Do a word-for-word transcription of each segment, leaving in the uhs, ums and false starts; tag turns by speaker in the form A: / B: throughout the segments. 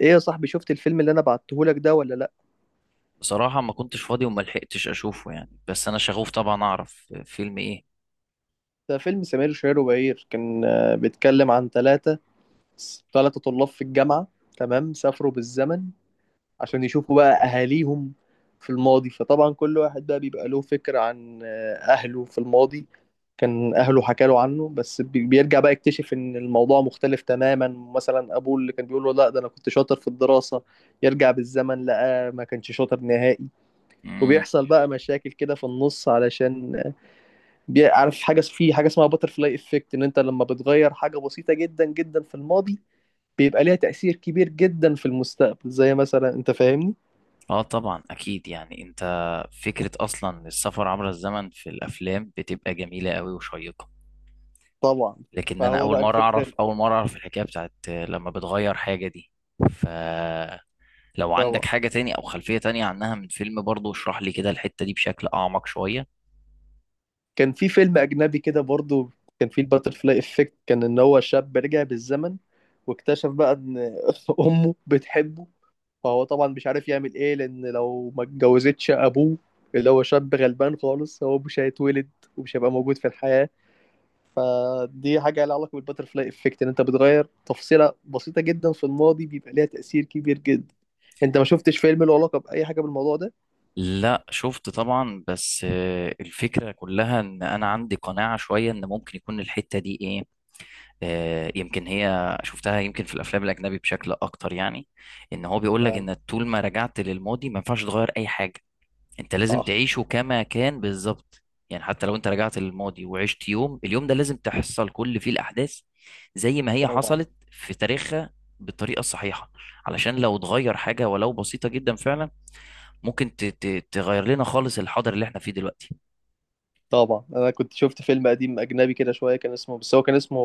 A: ايه يا صاحبي، شفت الفيلم اللي انا بعتهولك ده ولا لا؟
B: بصراحة ما كنتش فاضي وما لحقتش اشوفه، يعني. بس انا شغوف طبعا اعرف فيلم ايه.
A: ده فيلم سمير وشهير وبهير، كان آه، بيتكلم عن ثلاثة ثلاثة طلاب في الجامعة. تمام، سافروا بالزمن عشان يشوفوا بقى اهاليهم في الماضي. فطبعا كل واحد بقى بيبقى له فكرة عن آه، اهله في الماضي، كان اهله حكى له عنه، بس بي- بيرجع بقى يكتشف ان الموضوع مختلف تماما. مثلا ابوه اللي كان بيقول له لا ده انا كنت شاطر في الدراسة، يرجع بالزمن لقى ما كانش شاطر نهائي.
B: مم.
A: وبيحصل بقى مشاكل كده في النص، علشان بي- عارف حاجه في حاجه اسمها باتر فلاي افكت؟ ان انت لما بتغير حاجه بسيطه جدا جدا في الماضي، بيبقى ليها تاثير كبير جدا في المستقبل، زي مثلا، انت فاهمني؟
B: اه طبعا اكيد. يعني انت، فكرة اصلا السفر عبر الزمن في الافلام بتبقى جميلة قوي وشيقة.
A: طبعا.
B: لكن انا
A: فهو
B: اول
A: بقى
B: مرة
A: الفكره.
B: اعرف اول مرة اعرف الحكاية بتاعت لما بتغير حاجة دي. فلو عندك
A: طبعا،
B: حاجة تاني او خلفية تانية عنها من فيلم برضو اشرح لي كده الحتة دي بشكل اعمق شوية.
A: كان في فيلم اجنبي كده برضو، كان فيه الباتر فلاي افكت، كان ان هو شاب رجع بالزمن واكتشف بقى ان امه بتحبه. فهو طبعا مش عارف يعمل ايه، لان لو ما اتجوزتش ابوه، اللي هو شاب غلبان خالص، هو مش هيتولد ومش هيبقى موجود في الحياه. فدي حاجة لها علاقة بالباترفلاي افكت، ان انت بتغير تفصيلة بسيطة جدا في الماضي بيبقى ليها تأثير كبير جدا. انت ما شفتش فيلم له علاقة بأي حاجة بالموضوع ده؟
B: لا شفت طبعا، بس آه، الفكرة كلها ان انا عندي قناعة شوية ان ممكن يكون الحتة دي ايه. آه، يمكن هي شفتها، يمكن في الافلام الاجنبي بشكل اكتر. يعني ان هو بيقول لك
A: فعلا.
B: ان طول ما رجعت للماضي ما ينفعش تغير اي حاجه. انت لازم
A: صح.
B: تعيشه كما كان بالظبط. يعني حتى لو انت رجعت للماضي وعشت يوم، اليوم ده لازم تحصل كل فيه الاحداث زي ما هي
A: طبعا.
B: حصلت في تاريخها بالطريقه الصحيحه. علشان لو اتغير حاجه ولو بسيطه جدا فعلا، ممكن ت- ت- تغير لنا خالص الحاضر اللي احنا فيه دلوقتي.
A: طبعا، انا كنت شفت فيلم قديم اجنبي كده شوية، كان اسمه، بس هو كان اسمه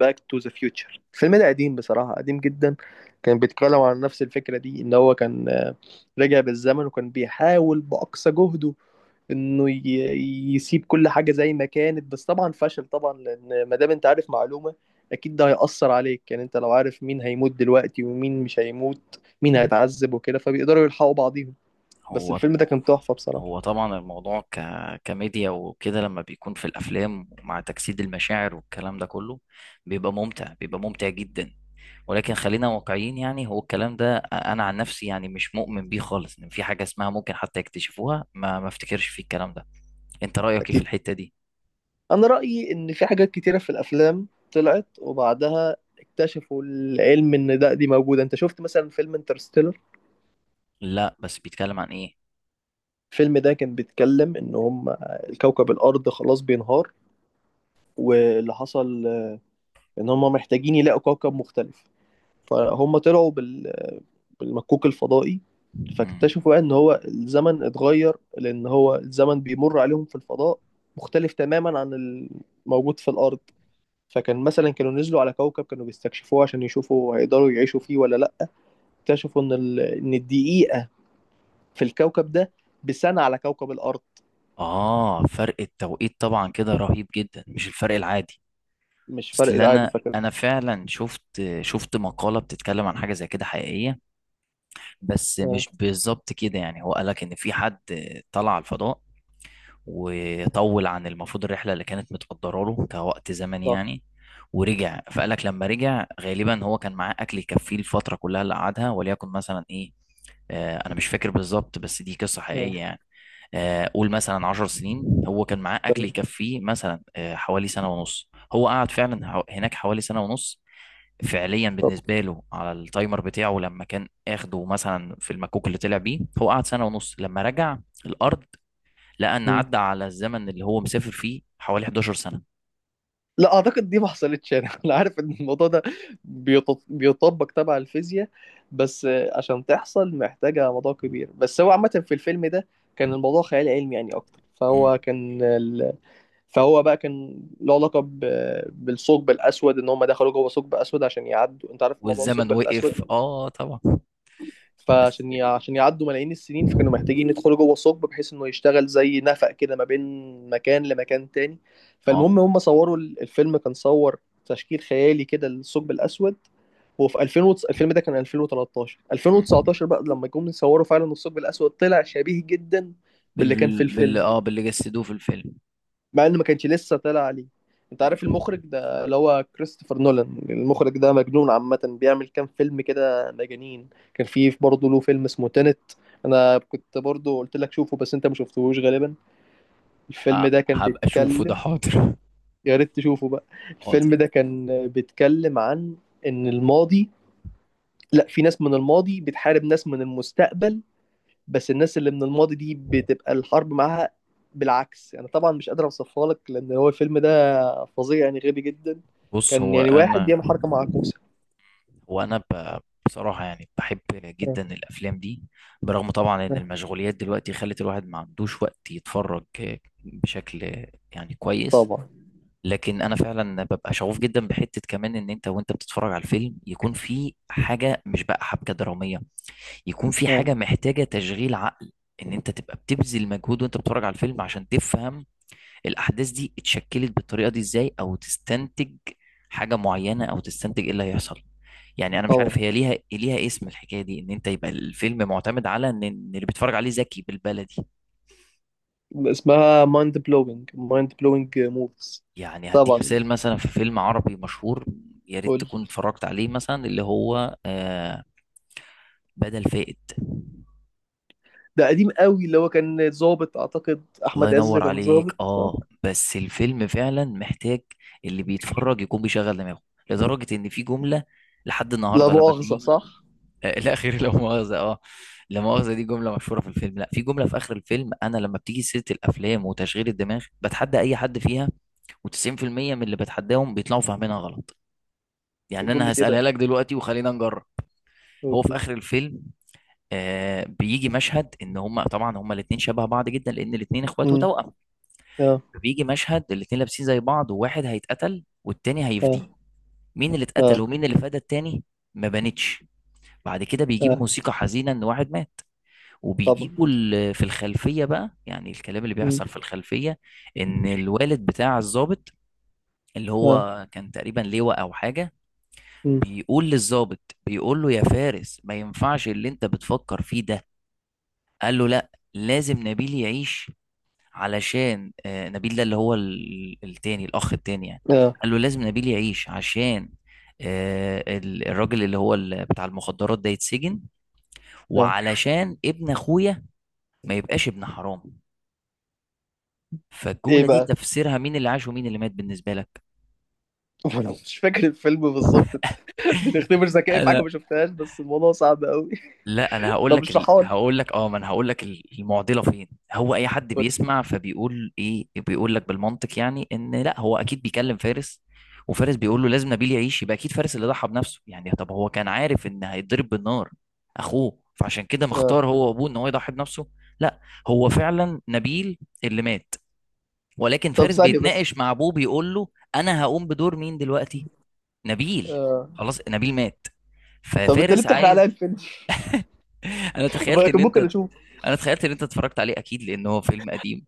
A: باك تو ذا فيوتشر. الفيلم ده قديم بصراحة، قديم جدا. كان بيتكلم عن نفس الفكرة دي، ان هو كان آه، رجع بالزمن وكان بيحاول بأقصى جهده انه ي- يسيب كل حاجه زي ما كانت. بس طبعا فشل طبعا، لان ما دام انت عارف معلومه، اكيد ده هيأثر عليك. يعني انت لو عارف مين هيموت دلوقتي ومين مش هيموت، مين هيتعذب وكده، فبيقدروا يلحقوا بعضيهم. بس
B: هو
A: الفيلم ده كان تحفه بصراحه.
B: هو طبعا الموضوع ك... كميديا وكده، لما بيكون في الافلام مع تجسيد المشاعر والكلام ده كله بيبقى ممتع، بيبقى ممتع جدا. ولكن خلينا واقعيين، يعني هو الكلام ده انا عن نفسي يعني مش مؤمن بيه خالص ان في حاجه اسمها ممكن حتى يكتشفوها. ما ما افتكرش في الكلام ده. انت رايك ايه في
A: اكيد.
B: الحته دي؟
A: انا رأيي ان في حاجات كتيره في الافلام طلعت وبعدها اكتشفوا العلم ان ده دي موجوده. انت شفت مثلا فيلم انترستيلر؟
B: لا، بس بيتكلم عن ايه؟
A: الفيلم ده كان بيتكلم ان هم الكوكب الارض خلاص بينهار، واللي حصل ان هم محتاجين يلاقوا كوكب مختلف. فهم طلعوا بال... بالمكوك الفضائي.
B: مم.
A: فاكتشفوا بقى ان هو الزمن اتغير، لان هو الزمن بيمر عليهم في الفضاء مختلف تماما عن الموجود في الارض. فكان مثلا كانوا نزلوا على كوكب، كانوا بيستكشفوه عشان يشوفوا هيقدروا يعيشوا فيه ولا لا. اكتشفوا ان ال... ان الدقيقة في الكوكب ده بسنة على كوكب الارض.
B: اه فرق التوقيت طبعا كده رهيب جدا، مش الفرق العادي.
A: مش
B: اصل
A: فرق عادي
B: انا
A: فكان.
B: انا فعلا شفت شفت مقاله بتتكلم عن حاجه زي كده حقيقيه، بس
A: اه.
B: مش بالظبط كده. يعني هو قالك ان في حد طلع على الفضاء وطول عن المفروض الرحله اللي كانت متقدره له كوقت زمني،
A: صح.
B: يعني، ورجع. فقالك لما رجع غالبا هو كان معاه اكل يكفيه الفتره كلها اللي قعدها، وليكن مثلا ايه، آه انا مش فاكر بالظبط، بس دي قصه حقيقيه
A: اه.
B: يعني. آه قول مثلا عشر سنين، هو كان معاه اكل
A: تمام.
B: يكفيه مثلا آه حوالي سنه ونص. هو قعد فعلا حو- هناك حوالي سنه ونص، فعليا
A: طب.
B: بالنسبه له على التايمر بتاعه لما كان اخده مثلا في المكوك اللي طلع بيه. هو قعد سنه ونص، لما رجع الارض لقى ان
A: مم.
B: عدى على الزمن اللي هو مسافر فيه حوالي احدعشر سنه.
A: لا اعتقد دي ما حصلتش يعني. انا عارف ان الموضوع ده بيط- بيطبق تبع الفيزياء. بس آه، عشان تحصل محتاجة موضوع كبير، بس هو عامة في الفيلم ده كان الموضوع خيال علمي يعني اكتر، فهو
B: مم.
A: كان ال... فهو بقى كان له علاقة ب... بالثقب الأسود، إن هم دخلوا جوه ثقب أسود عشان يعدوا. أنت عارف موضوع
B: والزمن
A: الثقب الأسود؟
B: وقف، اه طبعا. بس
A: فعشان ي- عشان يعدوا ملايين السنين، فكانوا محتاجين يدخلوا جوه ثقب بحيث انه يشتغل زي نفق كده ما بين مكان لمكان تاني.
B: اه،
A: فالمهم هم صوروا ال- الفيلم كان صور تشكيل خيالي كده للثقب الاسود. هو في ألفين وتس... الفيلم ده كان ألفين وتلتاشر.
B: مم.
A: ألفين وتسعتاشر بقى لما جم يصوروا فعلا الثقب الاسود طلع شبيه جدا باللي كان في
B: بال... بال
A: الفيلم،
B: اه باللي جسدوه في الفيلم.
A: مع انه ما كانش لسه طلع عليه. انت عارف
B: مم.
A: المخرج ده اللي هو كريستوفر نولان؟ المخرج ده مجنون عامة، بيعمل كام فيلم كده مجانين. كان فيه برضه له فيلم اسمه تينت، انا كنت برضه قلت لك شوفه بس انت ما شفتهوش غالبا. الفيلم
B: ه-
A: ده كان
B: هبقى اشوفه ده،
A: بيتكلم.
B: حاضر.
A: يا ريت تشوفه بقى.
B: حاضر.
A: الفيلم ده كان بيتكلم عن ان الماضي، لا، في ناس من الماضي بتحارب ناس من المستقبل، بس الناس اللي من الماضي دي بتبقى الحرب معاها بالعكس. انا طبعا مش قادر اوصفها لك لان هو الفيلم ده فظيع يعني غبي جدا.
B: بص،
A: كان
B: هو
A: يعني واحد
B: انا
A: بيعمل حركه معكوسه.
B: وانا ب... بصراحة يعني بحب
A: آه،
B: جدا الافلام دي، برغم طبعا ان
A: آه،
B: المشغوليات دلوقتي خلت الواحد ما عندوش وقت يتفرج بشكل يعني كويس.
A: طبعا.
B: لكن انا فعلا ببقى شغوف جدا بحتة كمان، ان انت وانت بتتفرج على الفيلم يكون في حاجة مش بقى حبكة درامية، يكون في
A: آه.
B: حاجة محتاجة تشغيل عقل. ان انت تبقى بتبذل مجهود وانت بتتفرج على الفيلم عشان تفهم الاحداث دي اتشكلت بالطريقه دي ازاي، او تستنتج حاجه معينه، او تستنتج ايه اللي هيحصل. يعني انا مش عارف
A: طبعا.
B: هي ليها ليها اسم، الحكايه دي ان انت يبقى الفيلم معتمد على ان إن اللي بيتفرج عليه ذكي، بالبلدي.
A: اسمها مايند بلوينج مايند بلوينج موفز.
B: يعني هديك
A: طبعا.
B: مثال، مثلا في فيلم عربي مشهور يا ريت
A: قول.
B: تكون اتفرجت عليه، مثلا اللي هو آه بدل فائد.
A: ده قديم قوي، اللي هو كان ظابط، اعتقد
B: الله
A: احمد عز
B: ينور
A: كان
B: عليك،
A: ظابط صح؟
B: اه. بس الفيلم فعلا محتاج اللي بيتفرج يكون بيشغل دماغه، لدرجة ان في جملة لحد
A: لا
B: النهاردة لما
A: مؤاخذه،
B: بيجي،
A: صح.
B: آه، لا خير لا مؤاخذة، اه. لا مؤاخذة دي جملة مشهورة في الفيلم. لا، في جملة في آخر الفيلم أنا لما بتيجي سيرة الأفلام وتشغيل الدماغ بتحدى أي حد فيها، و90% من اللي بتحداهم بيطلعوا فاهمينها غلط. يعني أنا
A: جمله ايه
B: هسألها
A: بقى؟
B: لك دلوقتي وخلينا نجرب. هو في
A: اوكي.
B: آخر الفيلم آه بيجي مشهد، إن هما طبعا هما الاتنين شبه بعض جدا لأن الاتنين إخوات
A: امم.
B: وتوأم.
A: اه.
B: فبيجي مشهد الاتنين لابسين زي بعض، وواحد هيتقتل والتاني هيفديه.
A: اه.
B: مين اللي اتقتل
A: اه.
B: ومين اللي فدى التاني؟ ما بانتش. بعد كده بيجيب
A: اه.
B: موسيقى حزينة ان واحد مات،
A: طبعا.
B: وبيجيبوا ال- في الخلفية بقى، يعني الكلام اللي
A: امم.
B: بيحصل في الخلفية ان الوالد بتاع الضابط، اللي
A: اه.
B: هو كان تقريبا لواء او حاجة،
A: امم.
B: بيقول للضابط، بيقول له يا فارس ما ينفعش اللي انت بتفكر فيه ده. قال له لا، لازم نبيل يعيش علشان، آه، نبيل ده اللي هو ال- التاني، الأخ التاني يعني.
A: اه.
B: قال له لازم نبيل يعيش عشان آه، ال- الراجل اللي هو ال- بتاع المخدرات ده يتسجن،
A: اه.
B: وعلشان ابن أخويا ما يبقاش ابن حرام.
A: ايه
B: فالجملة دي
A: بقى؟
B: تفسيرها مين اللي عاش ومين اللي مات بالنسبة لك؟
A: ولو مش فاكر الفيلم بالظبط. بنختبر ذكائي في حاجه ما شفتهاش، بس الموضوع صعب قوي.
B: لا، انا هقول
A: طب
B: لك ال...
A: اشرحها لي.
B: هقول لك اه ما انا هقول لك ال- المعضله فين. هو اي حد بيسمع فبيقول ايه، بيقول لك بالمنطق يعني ان لا هو اكيد بيكلم فارس، وفارس بيقول له لازم نبيل يعيش، يبقى اكيد فارس اللي ضحى بنفسه. يعني طب هو كان عارف ان هيتضرب بالنار اخوه، فعشان كده
A: آه.
B: مختار هو وابوه ان هو يضحي بنفسه. لا، هو فعلا نبيل اللي مات، ولكن
A: طب
B: فارس
A: ثانيه بس.
B: بيتناقش مع ابوه بيقول له انا هقوم بدور مين دلوقتي؟ نبيل.
A: آه.
B: خلاص نبيل مات،
A: طب انت ليه
B: ففارس
A: بتحرق عليا
B: عايز.
A: الفيلم؟
B: انا تخيلت
A: ما
B: ان
A: كان ممكن
B: انت
A: اشوفه.
B: انا تخيلت ان انت اتفرجت عليه اكيد، لان هو فيلم قديم.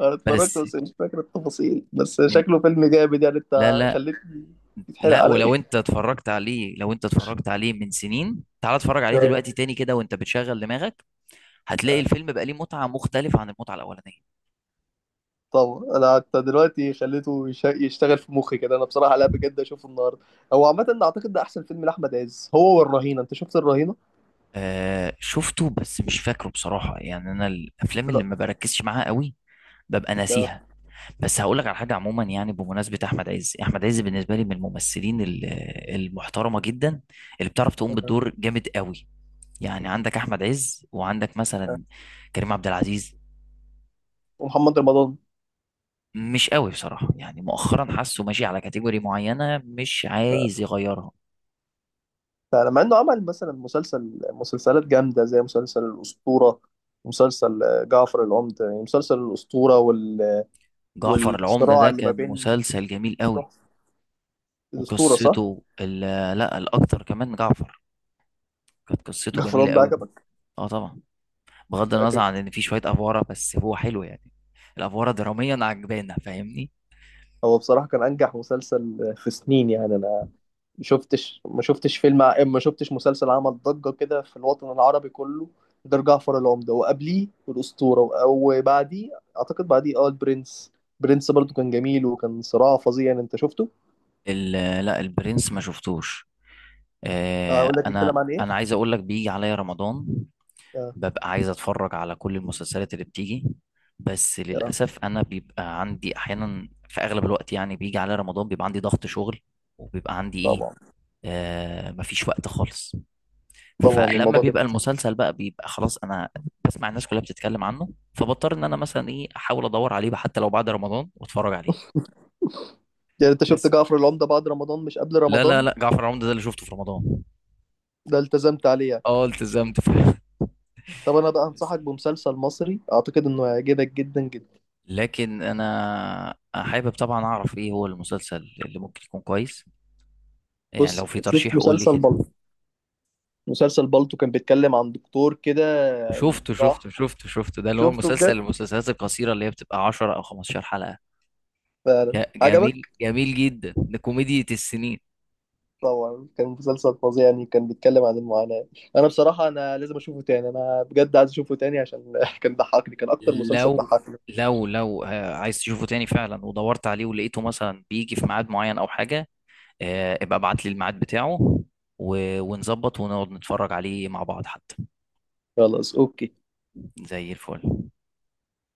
A: انا اتفرجت
B: بس
A: بس مش فاكر التفاصيل، بس
B: من
A: شكله فيلم جامد، يعني
B: لا
A: انت
B: لا
A: خليتني يتحرق
B: لا،
A: عليا.
B: ولو انت اتفرجت عليه، لو انت اتفرجت عليه من سنين، تعال اتفرج عليه
A: آه.
B: دلوقتي تاني كده وانت بتشغل دماغك، هتلاقي
A: آه.
B: الفيلم بقى ليه متعة مختلفة عن المتعة الاولانية.
A: طبعا انا حتى دلوقتي خليته يش- يشتغل في مخي كده، انا بصراحه، لا، بجد اشوفه النهارده. هو عامه اعتقد ده احسن فيلم لاحمد عز، هو والرهينه. انت شفت الرهينه؟
B: آه شفته، بس مش فاكره بصراحة. يعني انا الافلام اللي
A: لا.
B: ما بركزش معاها قوي ببقى ناسيها. بس هقول لك على حاجة عموما، يعني بمناسبة احمد عز، احمد عز بالنسبة لي من الممثلين ال- المحترمة جدا، اللي بتعرف تقوم
A: آه.
B: بالدور جامد قوي. يعني عندك احمد عز وعندك مثلا كريم عبد العزيز.
A: ومحمد رمضان.
B: مش قوي بصراحه، يعني مؤخرا حاسه ماشي على كاتيجوري معينه مش عايز يغيرها.
A: فلما انه عمل مثلا مسلسل، مسلسلات جامده زي مسلسل الاسطوره، مسلسل آه، جعفر العمدة، يعني مسلسل الاسطوره وال...
B: جعفر العمده
A: والصراع
B: ده
A: اللي ما
B: كان
A: بين.
B: مسلسل جميل قوي.
A: الاسطوره صح؟
B: وقصته ال- لا الاكتر كمان جعفر كانت قصته
A: جعفر
B: جميله
A: العمدة
B: قوي.
A: عجبك؟
B: اه طبعا، بغض النظر عن
A: عجبك.
B: ان في شويه افواره بس هو حلو يعني، الافواره دراميا عجبانه، فاهمني.
A: هو بصراحه كان انجح مسلسل في سنين، يعني انا ما شفتش ما شفتش فيلم ع- ما شفتش مسلسل عمل ضجه كده في الوطن العربي كله غير جعفر العمدة، وقبليه الاسطوره وبعديه، اعتقد بعديه اه البرنس. برنس برضو كان جميل وكان صراع فظيع، يعني انت شفته؟
B: ال- لا البرنس ما شفتوش. آه،
A: اقول لك
B: انا
A: بيتكلم عن ايه.
B: انا عايز اقول لك، بيجي عليا رمضان
A: آه.
B: ببقى عايز اتفرج على كل المسلسلات اللي بتيجي، بس
A: آه.
B: للاسف انا بيبقى عندي احيانا في اغلب الوقت، يعني بيجي على رمضان بيبقى عندي ضغط شغل وبيبقى عندي ايه،
A: طبعا.
B: آه مفيش وقت خالص.
A: طبعا
B: فلما
A: الموضوع ده.
B: بيبقى المسلسل بقى، بيبقى خلاص انا بسمع الناس كلها بتتكلم عنه، فبضطر ان انا مثلا ايه احاول ادور عليه بقى حتى لو بعد رمضان واتفرج عليه.
A: يعني انت شفت
B: بس
A: جعفر العمدة بعد رمضان مش قبل
B: لا لا
A: رمضان؟
B: لا، جعفر العمدة ده اللي شفته في رمضان.
A: ده التزمت عليه يعني.
B: اه التزمت فعلا.
A: طب انا بقى انصحك بمسلسل مصري اعتقد انه هيعجبك جدا جدا.
B: لكن انا حابب طبعا اعرف ايه هو المسلسل اللي ممكن يكون كويس، يعني لو
A: بص
B: في
A: شوف
B: ترشيح قول لي
A: مسلسل
B: كده.
A: بالطو، مسلسل بالطو كان بيتكلم عن دكتور كده.
B: شفته شفته
A: راح.
B: شفته شفته ده اللي هو
A: شفته
B: مسلسل،
A: بجد؟
B: المسلسلات القصيرة اللي هي بتبقى عشرة او خمستاشر حلقة.
A: فعلا
B: ج- جميل
A: عجبك؟
B: جميل جدا، ده كوميديا السنين.
A: طبعا كان مسلسل فظيع يعني، كان بيتكلم عن المعاناة. انا بصراحة انا لازم اشوفه تاني، انا بجد عايز اشوفه تاني عشان كان ضحكني، كان اكتر مسلسل
B: لو
A: ضحكني.
B: لو لو آه، عايز تشوفه تاني فعلا، ودورت عليه ولقيته مثلا بيجي في ميعاد معين او حاجة، آه، ابقى ابعت لي الميعاد بتاعه، و- ونظبط ونقعد نتفرج عليه مع بعض حتى.
A: خلاص اوكي.
B: زي الفل.